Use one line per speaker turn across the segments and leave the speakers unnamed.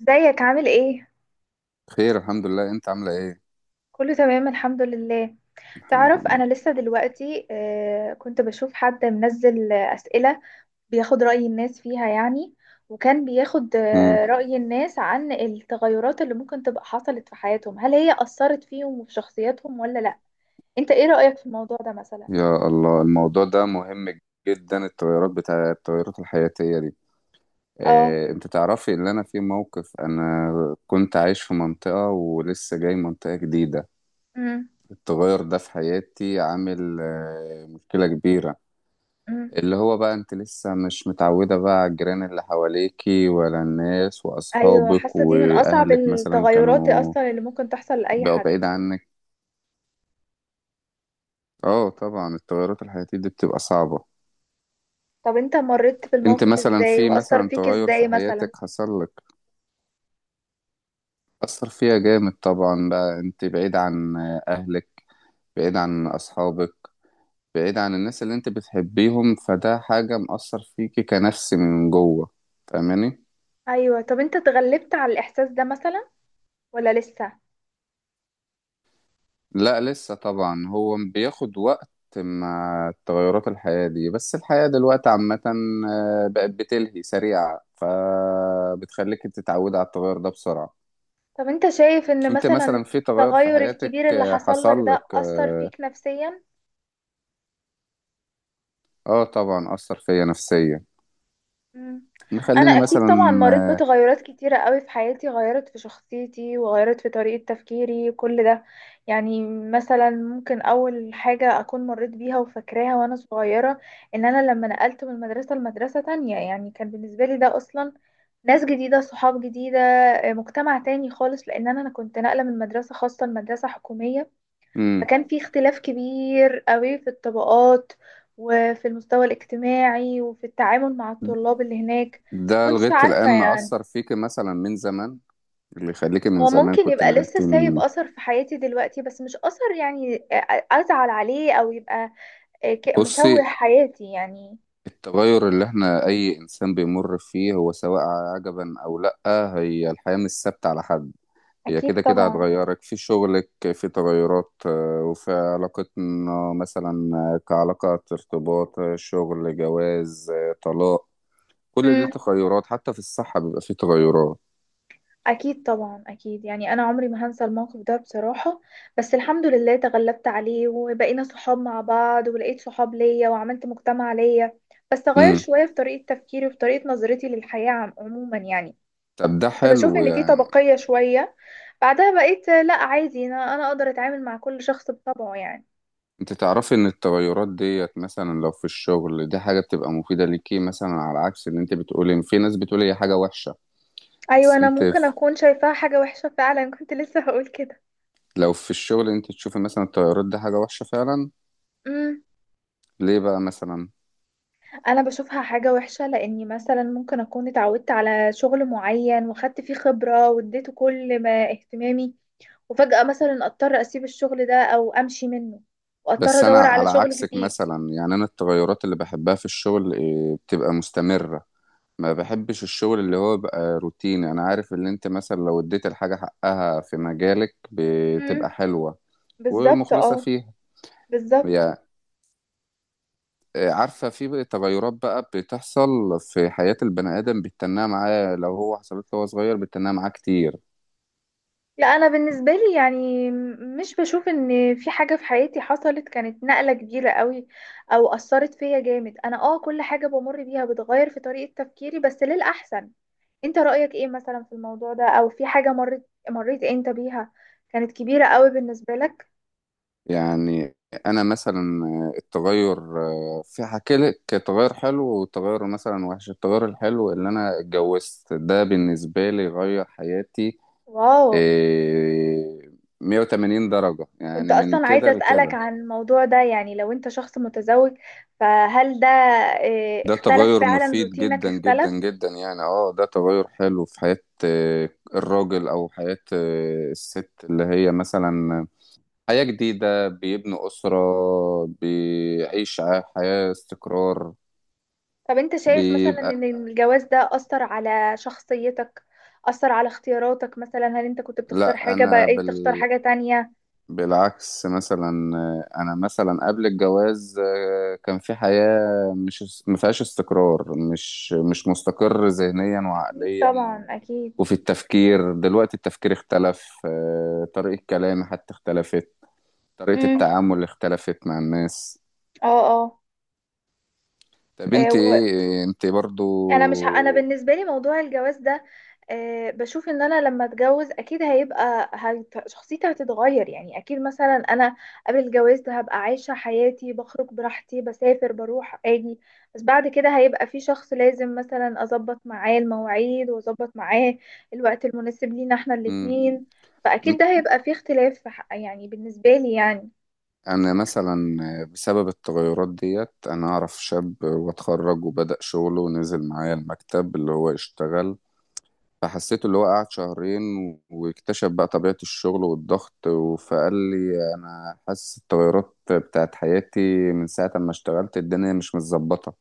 ازيك عامل ايه؟
خير، الحمد لله. انت عامله ايه؟
كله تمام الحمد لله.
الحمد
تعرف انا
لله.
لسه دلوقتي، كنت بشوف حد منزل اسئلة بياخد رأي الناس فيها يعني، وكان بياخد
امم
رأي الناس عن التغيرات اللي ممكن تبقى حصلت في حياتهم، هل هي أثرت فيهم وفي شخصياتهم ولا لا؟ انت ايه رأيك في الموضوع ده مثلا؟
يا الله، الموضوع ده مهم جدا. التغيرات التغيرات الحياتيه دي.
اه.
اه انت تعرفي ان انا في موقف، انا كنت عايش في منطقه ولسه جاي منطقه جديده.
امم.
التغير ده في حياتي عامل مشكله كبيره،
امم.
اللي هو بقى انت لسه مش متعوده بقى على الجيران اللي حواليكي، ولا الناس
ايوه،
واصحابك
حاسة دي من اصعب
واهلك مثلا
التغيرات
كانوا
اصلا اللي ممكن تحصل لأي
بقوا
حد.
بعيد عنك. اه طبعا، التغيرات الحياتيه دي بتبقى صعبه.
طب انت مريت
انت
بالموقف
مثلا
ازاي
في
وأثر
مثلا
فيك
تغير في
ازاي مثلا؟
حياتك حصل لك، أثر فيها جامد طبعا. بقى انت بعيد عن أهلك، بعيد عن أصحابك، بعيد عن الناس اللي انت بتحبيهم، فده حاجة مأثر فيكي كنفس من جوه. فاهماني؟
ايوه. طب انت اتغلبت على الاحساس ده مثلا ولا لسه؟
لا لسه طبعا، هو بياخد وقت مع تغيرات الحياة دي. بس الحياة دلوقتي عامة بقت بتلهي سريعة، فبتخليك تتعودي على التغير ده بسرعة.
طب انت شايف ان
انت
مثلا
مثلا في تغير في
التغير
حياتك
الكبير اللي حصل لك
حصل
ده
لك.
اثر فيك نفسيا؟
اه طبعا اثر فيا نفسيا.
مم. انا
نخلينا
اكيد
مثلا.
طبعا مريت بتغيرات كتيره قوي في حياتي، غيرت في شخصيتي وغيرت في طريقه تفكيري كل ده يعني. مثلا ممكن اول حاجه اكون مريت بيها وفاكراها وانا صغيره، ان انا لما نقلت من مدرسه لمدرسه تانية. يعني كان بالنسبه لي ده اصلا ناس جديده، صحاب جديده، مجتمع تاني خالص، لان انا كنت ناقله من مدرسه خاصه لمدرسه حكوميه.
امم
فكان في اختلاف كبير قوي في الطبقات، وفي المستوى الاجتماعي وفي التعامل مع الطلاب اللي هناك.
ده
كنتش
لغايه
عارفة
الان ما
يعني.
اثر فيك مثلا من زمان، اللي يخليكي من
هو
زمان
ممكن
كنت
يبقى لسه
نقلتي
سايب
من.
أثر في حياتي دلوقتي، بس مش أثر يعني أزعل عليه، أو يبقى مشوه
بصي،
حياتي يعني.
التغير اللي احنا اي انسان بيمر فيه، هو سواء عجبا او لا، هي الحياه مش ثابته على حد. هي
أكيد
كده كده
طبعا.
هتغيرك في شغلك، في تغيرات وفي علاقتنا مثلا، كعلاقة ارتباط، شغل، جواز، طلاق. كل دي تغيرات، حتى في الصحة بيبقى فيه تغيرات.
أكيد طبعا أكيد يعني. أنا عمري ما هنسى الموقف ده بصراحة، بس الحمد لله تغلبت عليه وبقينا صحاب مع بعض ولقيت صحاب ليا وعملت مجتمع ليا. بس غير شوية في طريقة تفكيري وفي طريقة نظرتي للحياة عموما يعني.
طب ده
كنت بشوف
حلو
إن في
يعني.
طبقية شوية، بعدها بقيت لأ عادي. أنا أقدر أتعامل مع كل شخص بطبعه يعني.
انت تعرفي ان التغيرات ديت مثلا لو في الشغل دي حاجة بتبقى مفيدة ليكي مثلا، على عكس اللي انت بتقولي ان في ناس بتقول هي حاجة وحشة.
أيوة،
بس
أنا
انت
ممكن
في-
أكون شايفاها حاجة وحشة فعلا، كنت لسه هقول كده.
لو في الشغل انت تشوفي مثلا التغيرات دي حاجة وحشة فعلا، ليه بقى مثلا؟
انا بشوفها حاجة وحشة لاني مثلا ممكن اكون اتعودت على شغل معين واخدت فيه خبرة واديته كل ما اهتمامي، وفجأة مثلا اضطر اسيب الشغل ده او امشي منه، واضطر
بس انا
ادور حصل على
على
شغل
عكسك
جديد.
مثلا، يعني انا التغيرات اللي بحبها في الشغل بتبقى مستمرة. ما بحبش الشغل اللي هو بقى روتيني. انا عارف اللي انت مثلا لو اديت الحاجة حقها في مجالك بتبقى
امم.
حلوة
بالظبط
ومخلصة
اه.
فيها.
بالظبط.
عارفة في تغيرات بقى بتحصل في حياة البني آدم بتتناها معاه، لو هو حصلت له وهو صغير بتتناها معاه كتير.
لا، انا بالنسبة لي يعني مش بشوف ان في حاجة في حياتي حصلت كانت نقلة كبيرة قوي او اثرت فيا جامد. انا اه كل حاجة بمر بيها بتغير في طريقة تفكيري بس للأحسن. انت رأيك ايه مثلا في الموضوع ده، او في حاجة مريت انت بيها كانت كبيرة قوي بالنسبة لك؟
يعني أنا مثلا التغير في حكي لك تغير حلو وتغير مثلا وحش. التغير الحلو اللي أنا اتجوزت ده بالنسبة لي غير حياتي
واو.
آه، 180 درجة،
كنت
يعني من
اصلا عايزة
كده
اسألك
لكده.
عن الموضوع ده، يعني لو انت شخص متزوج، فهل ده اه،
ده
اختلف
تغير
فعلا؟
مفيد
روتينك
جدا جدا
اختلف؟
جدا يعني، اه ده تغير حلو في حياة آه، الراجل او حياة الست، اللي هي مثلا حياة جديدة، بيبنوا أسرة، بيعيش حياة استقرار
طب انت شايف مثلا
بيبقى.
ان الجواز ده اثر على شخصيتك، اثر على اختياراتك مثلا؟ هل انت كنت بتختار
لا
حاجة
انا
بقيت تختار حاجة تانية؟
بالعكس مثلا، انا مثلا قبل الجواز كان في حياة، مش ما فيهاش استقرار، مش مستقر ذهنيا
اكيد
وعقليا.
طبعا اكيد.
وفي التفكير دلوقتي التفكير اختلف، طريقة كلامي حتى اختلفت، طريقة
امم.
التعامل اختلفت مع الناس.
اه.
طب انت
اه.
ايه، انت برضو؟
انا مش ه... انا بالنسبه لي موضوع الجواز ده، أه بشوف ان انا لما اتجوز اكيد هيبقى شخصيتي هتتغير يعني. اكيد مثلا انا قبل الجواز ده هبقى عايشه حياتي، بخرج براحتي، بسافر، بروح، اجي. بس بعد كده هيبقى في شخص لازم مثلا اظبط معاه المواعيد واظبط معاه الوقت المناسب لينا احنا
مم.
الاتنين. فاكيد ده هيبقى في اختلاف في يعني بالنسبه لي يعني.
انا مثلا بسبب التغيرات ديت، انا اعرف شاب واتخرج وبدأ شغله ونزل معايا المكتب اللي هو يشتغل. فحسيت اللي هو قعد شهرين واكتشف بقى طبيعة الشغل والضغط، فقال لي انا حاسس التغيرات بتاعت حياتي من ساعة ما اشتغلت الدنيا مش متظبطة.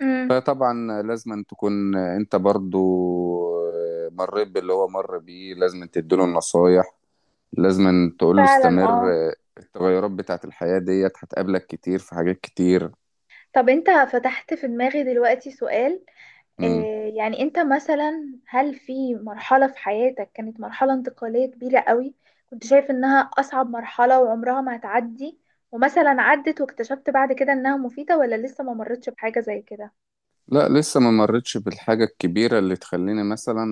امم.
فطبعا لازم أن تكون انت برضو مريت باللي هو مر بيه، لازم أن تديله النصايح، لازم أن تقول له
فعلا
استمر.
اه.
التغيرات بتاعت الحياة ديت هتقابلك كتير في حاجات كتير.
طب انت فتحت في دماغي دلوقتي سؤال.
مم.
يعني انت مثلا هل في مرحلة في حياتك كانت مرحلة انتقالية كبيرة قوي، كنت شايف انها اصعب مرحلة وعمرها ما هتعدي، ومثلا عدت واكتشفت بعد كده انها مفيدة؟ ولا لسه ما مرتش بحاجة زي كده؟
لا لسه ما مرتش بالحاجة الكبيرة اللي تخليني مثلا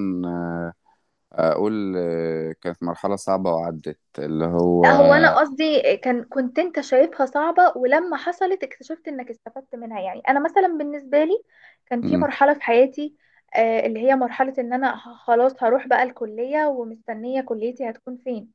أقول كانت مرحلة صعبة وعدت اللي هو.
لا، هو انا قصدي كان كنت انت شايفها صعبة، ولما حصلت اكتشفت انك استفدت منها. يعني انا مثلا بالنسبة لي كان في
مم.
مرحلة في حياتي اللي هي مرحلة ان انا خلاص هروح بقى الكلية ومستنية كليتي هتكون فين.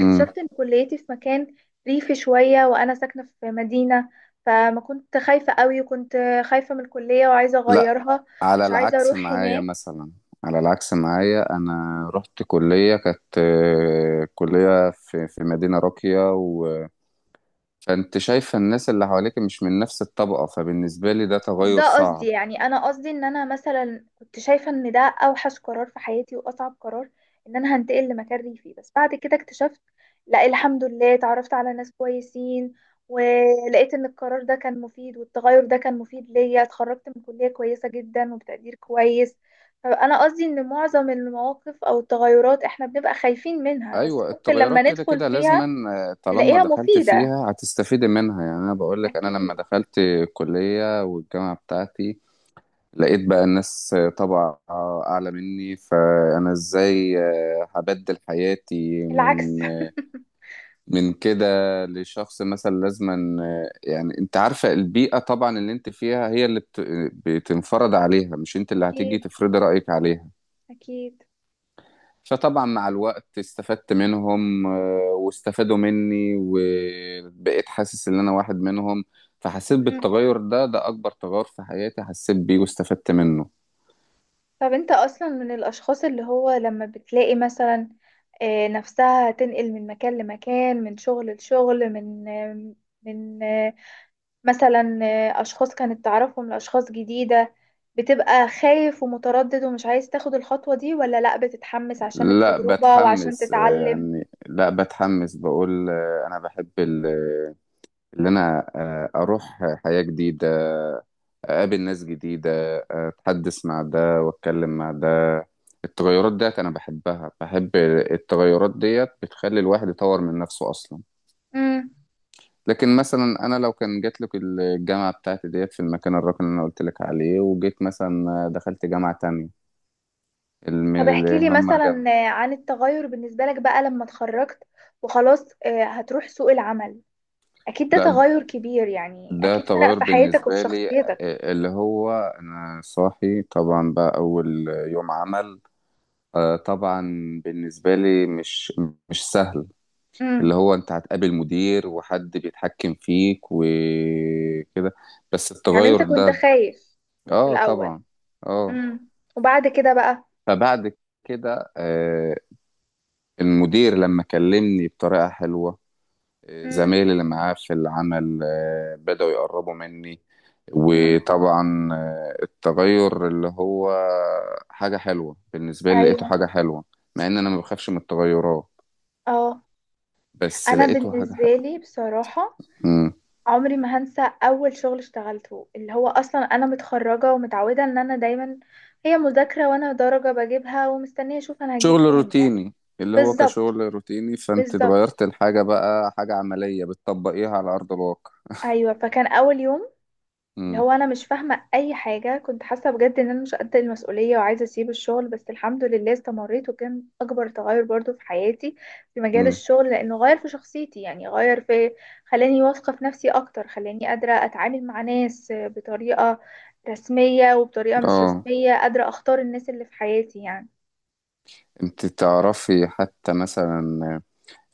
مم.
ان كليتي في مكان ريفي شوية وانا ساكنة في مدينة. فما كنت خايفة قوي وكنت خايفة من الكلية وعايزة
لا،
اغيرها،
على
مش عايزة
العكس
اروح
معايا
هناك.
مثلا، على العكس معايا انا رحت كلية كانت كلية في مدينة راقية، و... فانت شايفة الناس اللي حواليك مش من نفس الطبقة، فبالنسبة لي ده
مش
تغير
ده قصدي
صعب.
يعني. انا قصدي ان انا مثلا كنت شايفه ان ده اوحش قرار في حياتي واصعب قرار، ان انا هنتقل لمكان ريفي. بس بعد كده اكتشفت لا، الحمد لله اتعرفت على ناس كويسين، ولقيت ان القرار ده كان مفيد والتغير ده كان مفيد ليا، اتخرجت من كلية كويسة جدا وبتقدير كويس. فانا قصدي ان معظم المواقف او التغيرات احنا بنبقى خايفين منها، بس
ايوه
ممكن لما
التغيرات كده
ندخل
كده لازما،
فيها
طالما
نلاقيها
دخلت
مفيدة.
فيها هتستفيدي منها. يعني انا بقول لك، انا لما
اكيد.
دخلت الكلية والجامعة بتاعتي لقيت بقى الناس طبعا اعلى مني، فانا ازاي هبدل حياتي
العكس.
من من كده لشخص مثلا لازما. يعني انت عارفة البيئة طبعا اللي انت فيها هي اللي بتنفرض عليها، مش انت اللي هتيجي
اكيد.
تفرضي رأيك عليها.
اكيد.
فطبعا مع الوقت استفدت منهم واستفادوا مني، وبقيت حاسس ان انا واحد منهم. فحسيت بالتغير ده، ده اكبر تغير في حياتي حسيت بيه واستفدت منه.
طب انت اصلا من الاشخاص اللي هو لما بتلاقي مثلا نفسها تنقل من مكان لمكان، من شغل لشغل، من آه، من آه، مثلا آه، اشخاص كانت تعرفهم لاشخاص جديدة، بتبقى خايف ومتردد ومش عايز تاخد الخطوة دي؟ ولا لا، بتتحمس عشان
لا
التجربة وعشان
بتحمس آه،
تتعلم؟
يعني لا بتحمس بقول انا بحب اللي انا اروح حياة جديدة، اقابل ناس جديده، اتحدث مع ده واتكلم مع ده. التغيرات ديت انا بحبها، بحب التغيرات ديت بتخلي الواحد يطور من نفسه اصلا.
امم.
لكن مثلا انا لو كان جات لك الجامعه بتاعتي ديت في المكان الراقي اللي انا قلت لك عليه، وجيت مثلا دخلت جامعه تانية
طب احكي
اللي
لي
هم
مثلا
جنبي.
عن التغير بالنسبة لك بقى لما اتخرجت وخلاص هتروح سوق العمل. اكيد ده
لا،
تغير كبير يعني،
ده
اكيد فرق
تغير
في حياتك وفي
بالنسبه لي
شخصيتك.
اللي هو انا صاحي طبعا بقى اول يوم عمل، طبعا بالنسبه لي مش، مش سهل. اللي
امم.
هو انت هتقابل مدير وحد بيتحكم فيك وكده. بس
يعني
التغير
انت كنت
ده،
خايف في
اه
الاول؟
طبعا. اه.
امم. وبعد كده بقى؟
فبعد كده المدير لما كلمني بطريقة حلوة،
امم.
زمايلي اللي معاه في العمل بدأوا يقربوا مني.
امم.
وطبعا التغير اللي هو حاجة حلوة بالنسبة لي، لقيته
ايوه.
حاجة حلوة. مع ان انا ما بخافش من التغيرات،
اه.
بس
انا
لقيته حاجة
بالنسبه لي بصراحه
حلوة.
عمري ما هنسى اول شغل اشتغلته، اللي هو اصلا انا متخرجه ومتعوده ان انا دايما هي مذاكره وانا درجه بجيبها ومستنيه اشوف انا هجيب
شغل
كام يعني.
روتيني اللي هو
بالظبط.
كشغل روتيني، فانت
بالظبط.
اتغيرت الحاجة بقى حاجة عملية بتطبقيها على أرض الواقع.
ايوه، فكان اول يوم اللي
امم
هو انا مش فاهمه اي حاجه، كنت حاسه بجد ان انا مش قد المسؤوليه وعايزه اسيب الشغل، بس الحمد لله استمريت وكان اكبر تغير برضو في حياتي في مجال
امم
الشغل، لانه غير في شخصيتي يعني، غير في، خلاني واثقه في نفسي اكتر، خلاني قادره اتعامل مع ناس بطريقه رسميه وبطريقه مش
اه،
رسميه، قادره اختار الناس اللي في حياتي يعني.
انت تعرفي حتى مثلا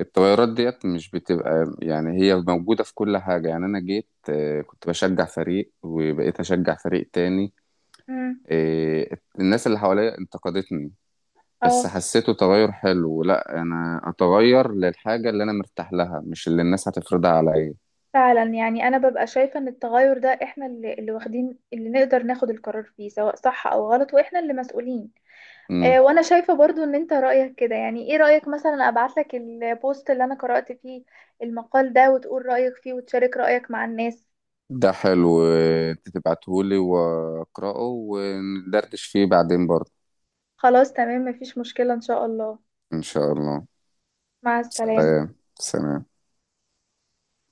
التغيرات ديت مش بتبقى، يعني هي موجودة في كل حاجة. يعني أنا جيت كنت بشجع فريق وبقيت أشجع فريق تاني،
امم.
الناس اللي حواليا انتقدتني، بس
اه.
حسيته تغير حلو. لا، أنا أتغير للحاجة اللي أنا مرتاح لها، مش اللي الناس هتفرضها عليا.
فعلا يعني انا ببقى شايفه ان التغير ده احنا اللي واخدين، اللي نقدر ناخد القرار فيه سواء صح او غلط، واحنا اللي مسؤولين. وانا شايفة برضو ان انت رأيك كده يعني. ايه رأيك مثلا ابعتلك البوست اللي انا قرأت فيه المقال ده وتقول رأيك فيه وتشارك رأيك مع الناس؟
ده حلو، انت تبعتهولي واقراه وندردش فيه بعدين برضه.
خلاص تمام، مفيش مشكلة ان شاء الله.
ان شاء الله.
مع السلامة.
سلام سلام.